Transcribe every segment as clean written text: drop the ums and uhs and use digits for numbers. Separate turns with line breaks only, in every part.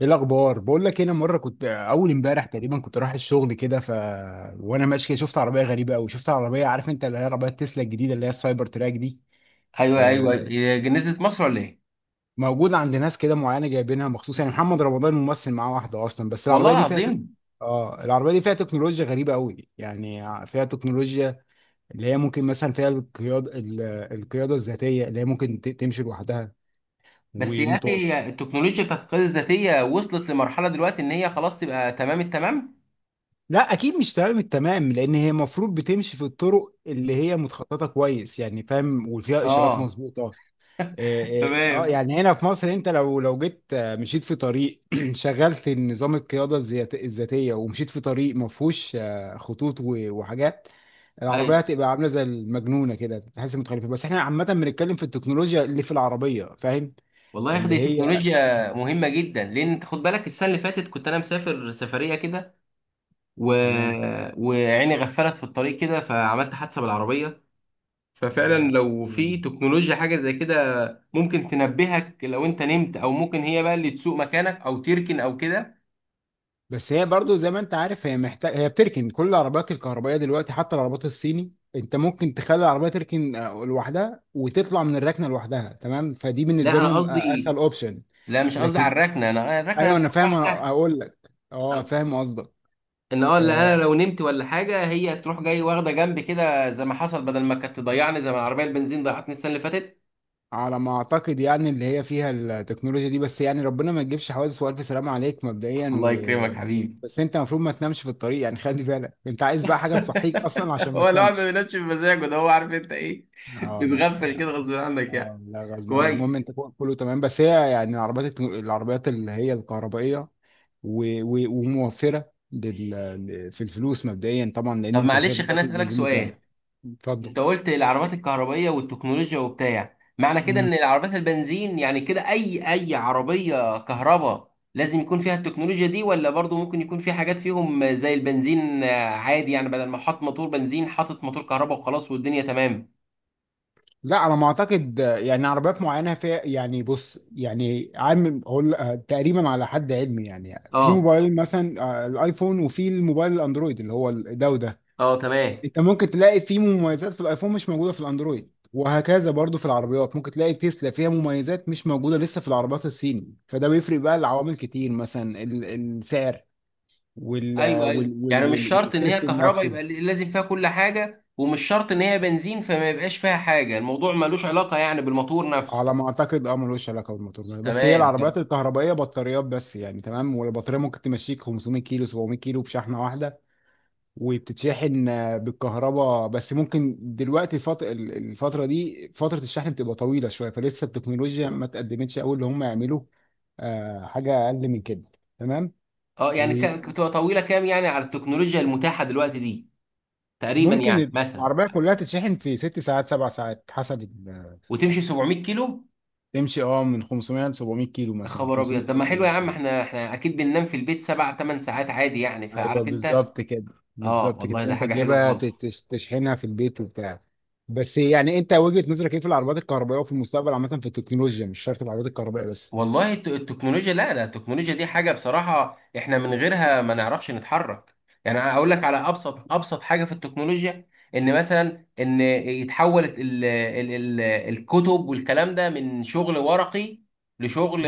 ايه الاخبار؟ بقول لك، انا مره كنت اول امبارح تقريبا كنت رايح الشغل كده، ف وانا ماشي كده شفت عربيه غريبه قوي. شفت عربيه، عارف انت، اللي هي عربيه تسلا الجديده اللي هي السايبر تراك دي.
ايوه ايوه،
آه،
هي نزلت مصر ولا ايه؟
موجوده عند ناس كده معينه، جايبينها مخصوص. يعني محمد رمضان ممثل، معاه واحده اصلا. بس
والله
العربيه دي فيها تك-.
العظيم.
اه العربيه دي فيها تكنولوجيا غريبه قوي، يعني فيها تكنولوجيا اللي هي ممكن مثلا فيها القياده الذاتيه اللي هي ممكن تمشي لوحدها
بس يا اخي
ومتوصل.
التكنولوجيا بتاعت القياده الذاتيه وصلت لمرحله دلوقتي ان هي خلاص تبقى تمام التمام؟
لا، اكيد مش تمام التمام، لان هي المفروض بتمشي في الطرق اللي هي متخططه كويس، يعني فاهم، وفيها اشارات
اه.
مظبوطه. اه،
تمام.
يعني هنا في مصر انت لو جيت، مشيت في طريق شغلت نظام الذاتيه ومشيت في طريق ما فيهوش خطوط وحاجات. العربيه
ايوه،
هتبقى عامله زي المجنونه كده، تحس متخلفه. بس احنا عامه بنتكلم في التكنولوجيا اللي في العربيه، فاهم.
والله يا اخي
اللي
دي
هي
تكنولوجيا مهمه جدا، لان انت خد بالك السنه اللي فاتت كنت انا مسافر سفريه كده و...
تمام.
وعيني غفلت في الطريق كده فعملت حادثه بالعربيه. ففعلا لو في
لا.
تكنولوجيا حاجه زي كده ممكن تنبهك لو انت نمت، او ممكن هي بقى اللي تسوق مكانك او تركن او كده.
بس هي برضو زي ما انت عارف، هي بتركن كل العربيات الكهربائيه دلوقتي، حتى العربيات الصيني. انت ممكن تخلي العربيه تركن لوحدها، وتطلع من الركنه لوحدها، تمام. فدي
لا
بالنسبه
انا
لهم
قصدي،
اسهل اوبشن.
لا مش قصدي على
لكن
الركنه، انا الركنه
ايوه،
ده
انا فاهم،
موضوع
انا
سهل.
اقول لك. اه
انا
فاهم قصدك.
ان اه اللي انا
آه
لو نمت ولا حاجه هي تروح جاي واخده جنب كده زي ما حصل، بدل ما كانت تضيعني زي ما العربيه البنزين ضيعتني السنه اللي فاتت.
على ما اعتقد يعني اللي هي فيها التكنولوجيا دي، بس يعني ربنا ما تجيبش حوادث، والف سلامه عليك مبدئيا،
الله
و...
يكرمك حبيبي.
بس انت المفروض ما تنامش في الطريق، يعني خلي بالك انت عايز بقى حاجه تصحيك اصلا عشان ما
هو الواحد ما
تنامش.
بينامش بمزاجه، ده هو عارف انت ايه،
اه،
بتغفل
لا.
كده غصب عنك
آه،
يعني.
لا غصب عنك. المهم
كويس.
انت فوق كله، تمام. بس هي يعني العربيات اللي هي الكهربائيه وموفره في الفلوس مبدئيا طبعا، لان
طب
انت شايف
معلش خليني
دلوقتي
اسالك
البنزين بكام.
سؤال.
اتفضل.
انت قلت العربات الكهربائيه والتكنولوجيا وبتاع، معنى كده
مم.
ان العربات البنزين يعني كده اي عربيه كهرباء لازم يكون فيها التكنولوجيا دي، ولا برضو ممكن يكون في حاجات فيهم زي البنزين عادي، يعني بدل ما حط موتور بنزين حاطط موتور كهرباء وخلاص والدنيا تمام.
لا، على ما اعتقد يعني عربيات معينه فيها، يعني بص، يعني عام هقول تقريبا على حد علمي، يعني في
اه
موبايل مثلا، الايفون وفي الموبايل الاندرويد اللي هو ده وده.
اه تمام.
انت ممكن تلاقي فيه مميزات في الايفون مش موجوده في الاندرويد، وهكذا برضو في العربيات ممكن تلاقي تسلا فيها مميزات مش موجوده لسه في العربيات الصيني. فده بيفرق بقى لعوامل كتير، مثلا السعر
ايوه ايوه، يعني مش شرط ان هي
والتستنج
كهرباء
نفسه.
يبقى لازم فيها كل حاجه، ومش شرط ان هي بنزين فما يبقاش فيها حاجه، الموضوع ملوش علاقه يعني بالموتور نفسه.
على ما اعتقد ملوش علاقه بالموتور، بس هي
تمام.
العربيات الكهربائيه بطاريات بس، يعني تمام. والبطاريه ممكن تمشيك 500 كيلو 700 كيلو بشحنه واحده. وبتتشحن بالكهرباء بس. ممكن دلوقتي الفترة دي فترة الشحن بتبقى طويلة شوية، فلسه التكنولوجيا ما اتقدمتش قوي اللي هم يعملوا حاجة أقل من كده، تمام.
اه يعني
وممكن
بتبقى طويله كام يعني على التكنولوجيا المتاحه دلوقتي دي؟ تقريبا يعني مثلا.
العربية كلها تتشحن في ست ساعات سبع ساعات، حسب
وتمشي 700 كيلو؟
تمشي من 500 ل 700 كيلو،
يا
مثلا من
خبر
500
ابيض، طب
كيلو
ما حلو يا
700
عم،
كيلو.
احنا اكيد بننام في البيت سبع ثمان ساعات عادي يعني،
ايوه،
فعارف انت.
بالظبط كده،
اه
بالظبط كده.
والله ده
انت
حاجه حلوه
تجيبها
خالص.
تشحنها في البيت وبتاع. بس يعني انت وجهة نظرك ايه في العربيات الكهربائيه، وفي المستقبل عامه في التكنولوجيا؟ مش شرط العربيات الكهربائيه بس.
والله التكنولوجيا، لا لا، التكنولوجيا دي حاجة بصراحة احنا من غيرها ما نعرفش نتحرك. يعني انا اقول لك على ابسط ابسط حاجة في التكنولوجيا، ان مثلا ان يتحول ال ال ال الكتب والكلام ده من شغل ورقي لشغل،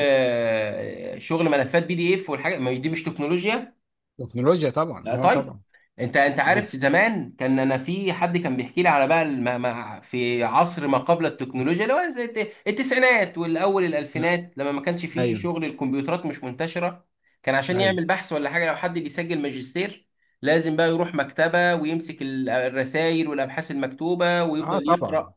شغل ملفات بي دي اف، والحاجة ما دي مش تكنولوجيا؟
تكنولوجيا طبعا،
لا طيب.
طبعا.
انت عارف
بس
زمان كان انا في حد كان بيحكي لي على بقى، في عصر ما قبل التكنولوجيا اللي هو زي التسعينات والاول الالفينات، لما ما كانش فيه
ايوه،
شغل، الكمبيوترات مش منتشره، كان عشان
ايوه،
يعمل بحث ولا حاجه لو حد بيسجل ماجستير لازم بقى يروح مكتبه ويمسك الرسائل والابحاث المكتوبه
اه
ويفضل
طبعا،
يقرا،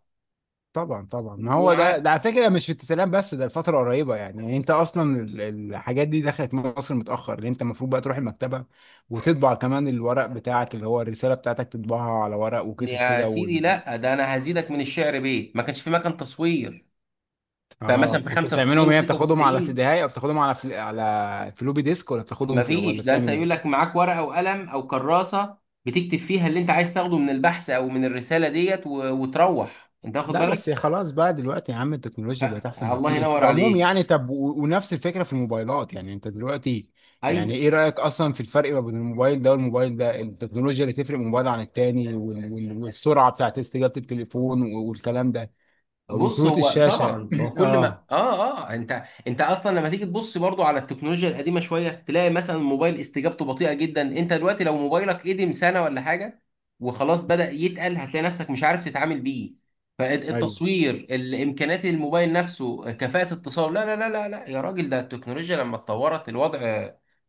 طبعا، طبعا. ما هو ده
ومعاه.
على فكره مش في التسليم، بس ده الفتره قريبه، يعني، يعني انت اصلا الحاجات دي دخلت مصر متاخر، لان انت المفروض بقى تروح المكتبه، وتطبع كمان الورق بتاعك اللي هو الرساله بتاعتك، تطبعها على ورق، وقصص
يا
كده.
سيدي لا، ده انا هزيدك من الشعر بيه، ما كانش في مكان تصوير.
اه،
فمثلا في
كنت بتعملهم
95
ايه؟ بتاخدهم على سي
و96
دي، اي او بتاخدهم على على فلوبي ديسك، ولا بتاخدهم في،
مفيش،
ولا
ده انت
بتعمل
يقول
ايه؟
لك معاك ورقه وقلم او كراسه بتكتب فيها اللي انت عايز تاخده من البحث او من الرساله ديت وتروح انت واخد
لا
بالك.
بس خلاص بقى دلوقتي يا عم التكنولوجيا بقت احسن
الله
بكتير في
ينور
العموم
عليك،
يعني. طب ونفس الفكره في الموبايلات، يعني انت دلوقتي
ايوه.
يعني ايه رايك اصلا في الفرق ما بين الموبايل ده والموبايل ده؟ التكنولوجيا اللي تفرق موبايل عن التاني والسرعه بتاعت استجابه التليفون والكلام ده
بص،
وكروت
هو
الشاشه.
طبعا هو كل ما
اه،
انت اصلا لما تيجي تبص برضو على التكنولوجيا القديمه شويه تلاقي مثلا موبايل استجابته بطيئه جدا، انت دلوقتي لو موبايلك قدم سنه ولا حاجه وخلاص بدأ يتقل هتلاقي نفسك مش عارف تتعامل بيه،
ايوه.
فالتصوير، الامكانيات، الموبايل نفسه، كفاءة اتصال، لا لا لا لا لا يا راجل، ده التكنولوجيا لما اتطورت الوضع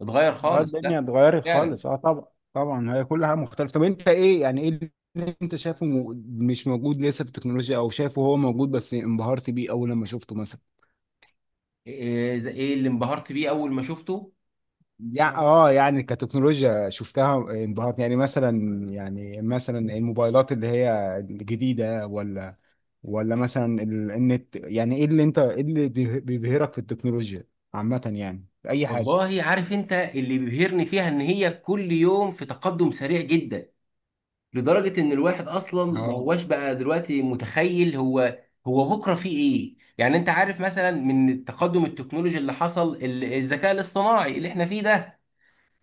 اتغير
اه
خالص،
الدنيا
لا.
اتغيرت
فعلا.
خالص، طبعا. طبعا هي كل حاجه مختلفه. طب انت ايه، يعني ايه اللي انت شايفه مش موجود لسه في التكنولوجيا؟ او شايفه هو موجود بس انبهرت بيه اول لما شفته مثلا؟
ايه، إيه اللي انبهرت بيه اول ما شفته؟
يعني يعني كتكنولوجيا شفتها انبهرت، يعني مثلا، الموبايلات اللي هي الجديده، ولا مثلا النت. يعني ايه اللي بيبهرك في التكنولوجيا عامه، يعني في اي حاجه؟
والله عارف انت اللي بيبهرني فيها ان هي كل يوم في تقدم سريع جدا، لدرجة ان الواحد اصلا ما
اه،
هواش بقى دلوقتي متخيل هو، هو بكرة فيه ايه، يعني انت عارف مثلا من التقدم التكنولوجي اللي حصل الذكاء الاصطناعي اللي احنا فيه ده،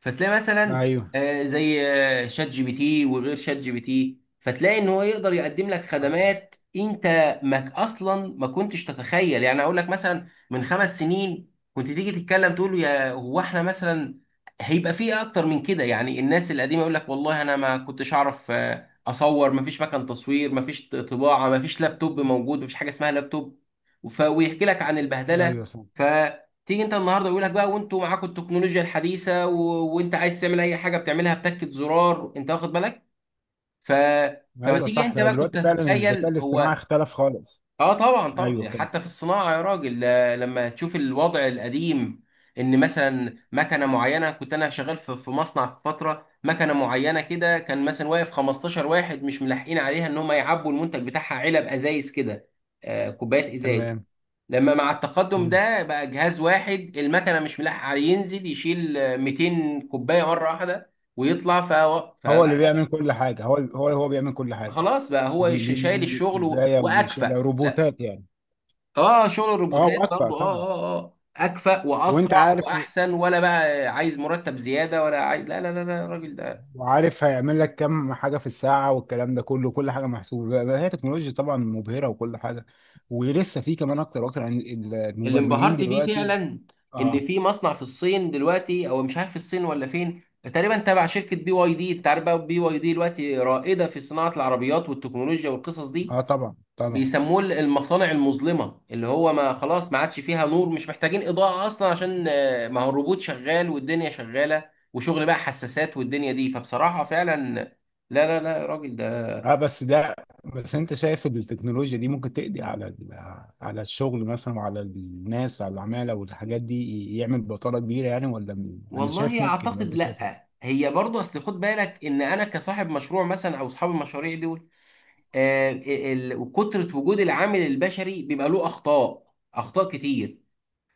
فتلاقي مثلا
ايوه،
زي شات جي بي تي وغير شات جي بي تي، فتلاقي ان هو يقدر يقدم لك خدمات انت ما اصلا ما كنتش تتخيل، يعني اقول لك مثلا من 5 سنين كنت تيجي تتكلم تقول له يا هو احنا مثلا هيبقى فيه اكتر من كده، يعني الناس القديمه يقول لك والله انا ما كنتش اعرف اصور، ما فيش مكان تصوير، ما فيش طباعه، ما فيش لابتوب موجود، ما فيش حاجه اسمها لابتوب، ويحكي لك عن البهدله.
ايوه صح،
تيجي انت النهارده يقول لك بقى وانتوا معاكم التكنولوجيا الحديثه، وانت عايز تعمل اي حاجه بتعملها بتكه زرار، انت واخد بالك. ف فما
ايوه
تيجي
صح.
انت
لو
بقى كنت
دلوقتي فعلا الذكاء
هتتخيل
الاصطناعي
هو؟
اختلف خالص.
اه طبعا طبعا،
ايوه
يعني
كده.
حتى في الصناعه يا راجل، لما تشوف الوضع القديم، ان مثلا مكنه معينه، كنت انا شغال في مصنع في فتره، مكنه معينه كده كان مثلا واقف 15 واحد مش ملاحقين عليها ان هم يعبوا المنتج بتاعها علب ازايز كده، كوبايات ازايز.
تمام.
لما مع التقدم
مم.
ده بقى جهاز واحد المكنه مش ملاحق عليه ينزل يشيل 200 كوبايه مره واحده، ويطلع. فلا،
هو اللي بيعمل كل حاجه، هو بيعمل كل حاجه.
خلاص بقى هو شايل
بيعمل
الشغل
الكوبايه وبيشيلها
واكفأ، لا.
روبوتات يعني.
اه، شغل
اه،
الروبوتات
واكفأ
برضو،
طبعا.
اكفأ
وانت
واسرع
عارف،
واحسن، ولا بقى عايز مرتب زياده، ولا عايز، لا لا لا لا، الراجل ده.
هيعمل لك كم حاجه في الساعه والكلام ده كله، كل حاجه محسوبه. بقى هي تكنولوجيا طبعا مبهره وكل حاجه. ولسه في كمان اكتر واكتر عن
اللي
المبرمجين
انبهرت بيه
دلوقتي.
فعلا، ان
اه،
في مصنع في الصين دلوقتي او مش عارف الصين ولا فين، تقريبا تبع شركه بي واي دي، انت عارف بقى بي واي دي دلوقتي رائده في صناعه العربيات والتكنولوجيا والقصص دي،
اه، طبعا، طبعا،
بيسموه المصانع المظلمه، اللي هو ما خلاص ما عادش فيها نور، مش محتاجين اضاءه اصلا، عشان ما هو الروبوت شغال والدنيا شغاله وشغل بقى حساسات والدنيا دي، فبصراحه فعلا، لا لا لا يا راجل، ده
اه. بس انت شايف إن التكنولوجيا دي ممكن تقضي على على الشغل مثلا، وعلى الناس، على العمالة والحاجات دي، يعمل بطالة كبيرة يعني، ولا انا شايف
والله
ممكن،
اعتقد
وانت شايف
لا.
إيه؟
هي برضه اصل خد بالك، ان انا كصاحب مشروع مثلا او اصحاب المشاريع دي، وكترة وجود العامل البشري بيبقى له أخطاء أخطاء كتير،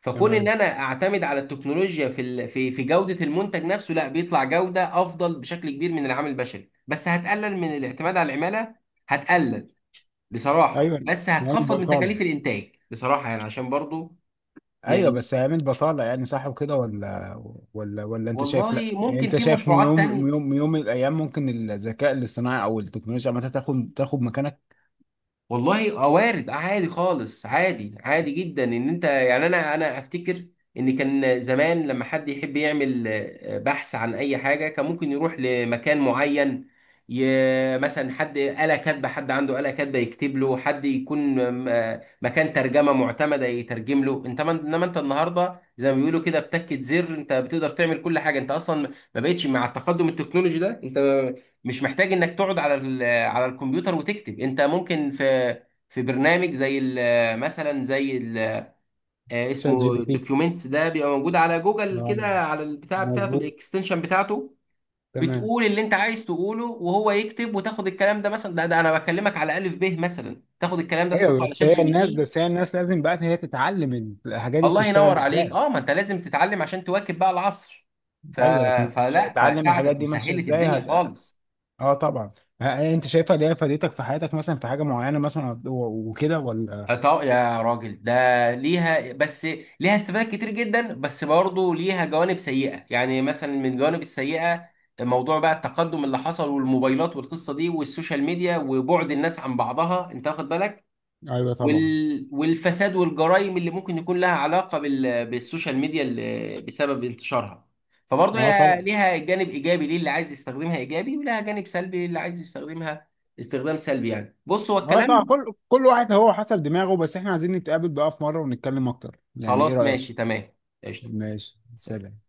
فكون إن
تمام.
أنا أعتمد على التكنولوجيا في في جودة المنتج نفسه، لا بيطلع جودة أفضل بشكل كبير من العامل البشري، بس هتقلل من الاعتماد على العمالة، هتقلل
ايوه.
بصراحة، بس
يعمل
هتخفض من
بطاله.
تكاليف الإنتاج بصراحة يعني، عشان برضو
ايوه
ن-
بس هيعمل بطالة، يعني صح وكده ولا انت شايف
والله
لا، يعني
ممكن
انت
في
شايف
مشروعات تانية.
يوم، من الايام ممكن الذكاء الاصطناعي او التكنولوجيا عامة تاخد مكانك؟
والله وارد، عادي خالص، عادي عادي جدا، ان انت يعني انا افتكر ان كان زمان لما حد يحب يعمل بحث عن اي حاجه كان ممكن يروح لمكان معين، مثلا حد آلة كاتبه، حد عنده آلة كاتبه يكتب له، حد يكون مكان ترجمه معتمده يترجم له، انت انما انت النهارده زي ما بيقولوا كده بتكة زر انت بتقدر تعمل كل حاجه، انت اصلا ما بقتش مع التقدم التكنولوجي ده، انت مش محتاج انك تقعد على الكمبيوتر وتكتب، انت ممكن في، في برنامج زي مثلا زي
شات جي بي
اسمه
تي.
دوكيومنتس، ده بيبقى موجود على جوجل
آه،
كده، على البتاع بتاعته،
مظبوط.
الاكستنشن بتاعته،
تمام.
بتقول اللي انت عايز تقوله وهو يكتب، وتاخد الكلام ده مثلا، ده انا بكلمك على الف ب مثلا، تاخد الكلام ده
ايوه.
تحطه على شات جي بي تي.
بس هي الناس لازم بقى هي تتعلم الحاجات دي
الله
بتشتغل
ينور عليك،
ازاي.
اه ما انت لازم تتعلم عشان تواكب بقى العصر. ف...
ايوه، لكن مش
فلا،
هتتعلم الحاجات
فساعدت
دي ماشيه
وسهلت
ازاي.
الدنيا خالص.
اه طبعا. انت شايفها اللي هي فادتك في حياتك مثلا في حاجه معينه مثلا وكده ولا؟
طب يا راجل ده، ليها بس، ليها استفادات كتير جدا، بس برضه ليها جوانب سيئة، يعني مثلا من الجوانب السيئة موضوع بقى التقدم اللي حصل والموبايلات والقصة دي والسوشيال ميديا وبعد الناس عن بعضها، انت واخد بالك،
ايوه، طبعا.
والفساد والجرائم اللي ممكن يكون لها علاقة بالسوشيال ميديا اللي بسبب انتشارها، فبرضه
اه
هي
طبعا.
ليها جانب إيجابي ليه اللي عايز يستخدمها إيجابي، ولها جانب سلبي للي عايز يستخدمها استخدام سلبي يعني، بص هو
اه طبعا
الكلام.
كل واحد هو حسب دماغه. بس احنا عايزين نتقابل بقى في مره ونتكلم اكتر، يعني ايه
خلاص ماشي،
رايك؟
تمام. قشطة.
ماشي،
سلام.
سلام.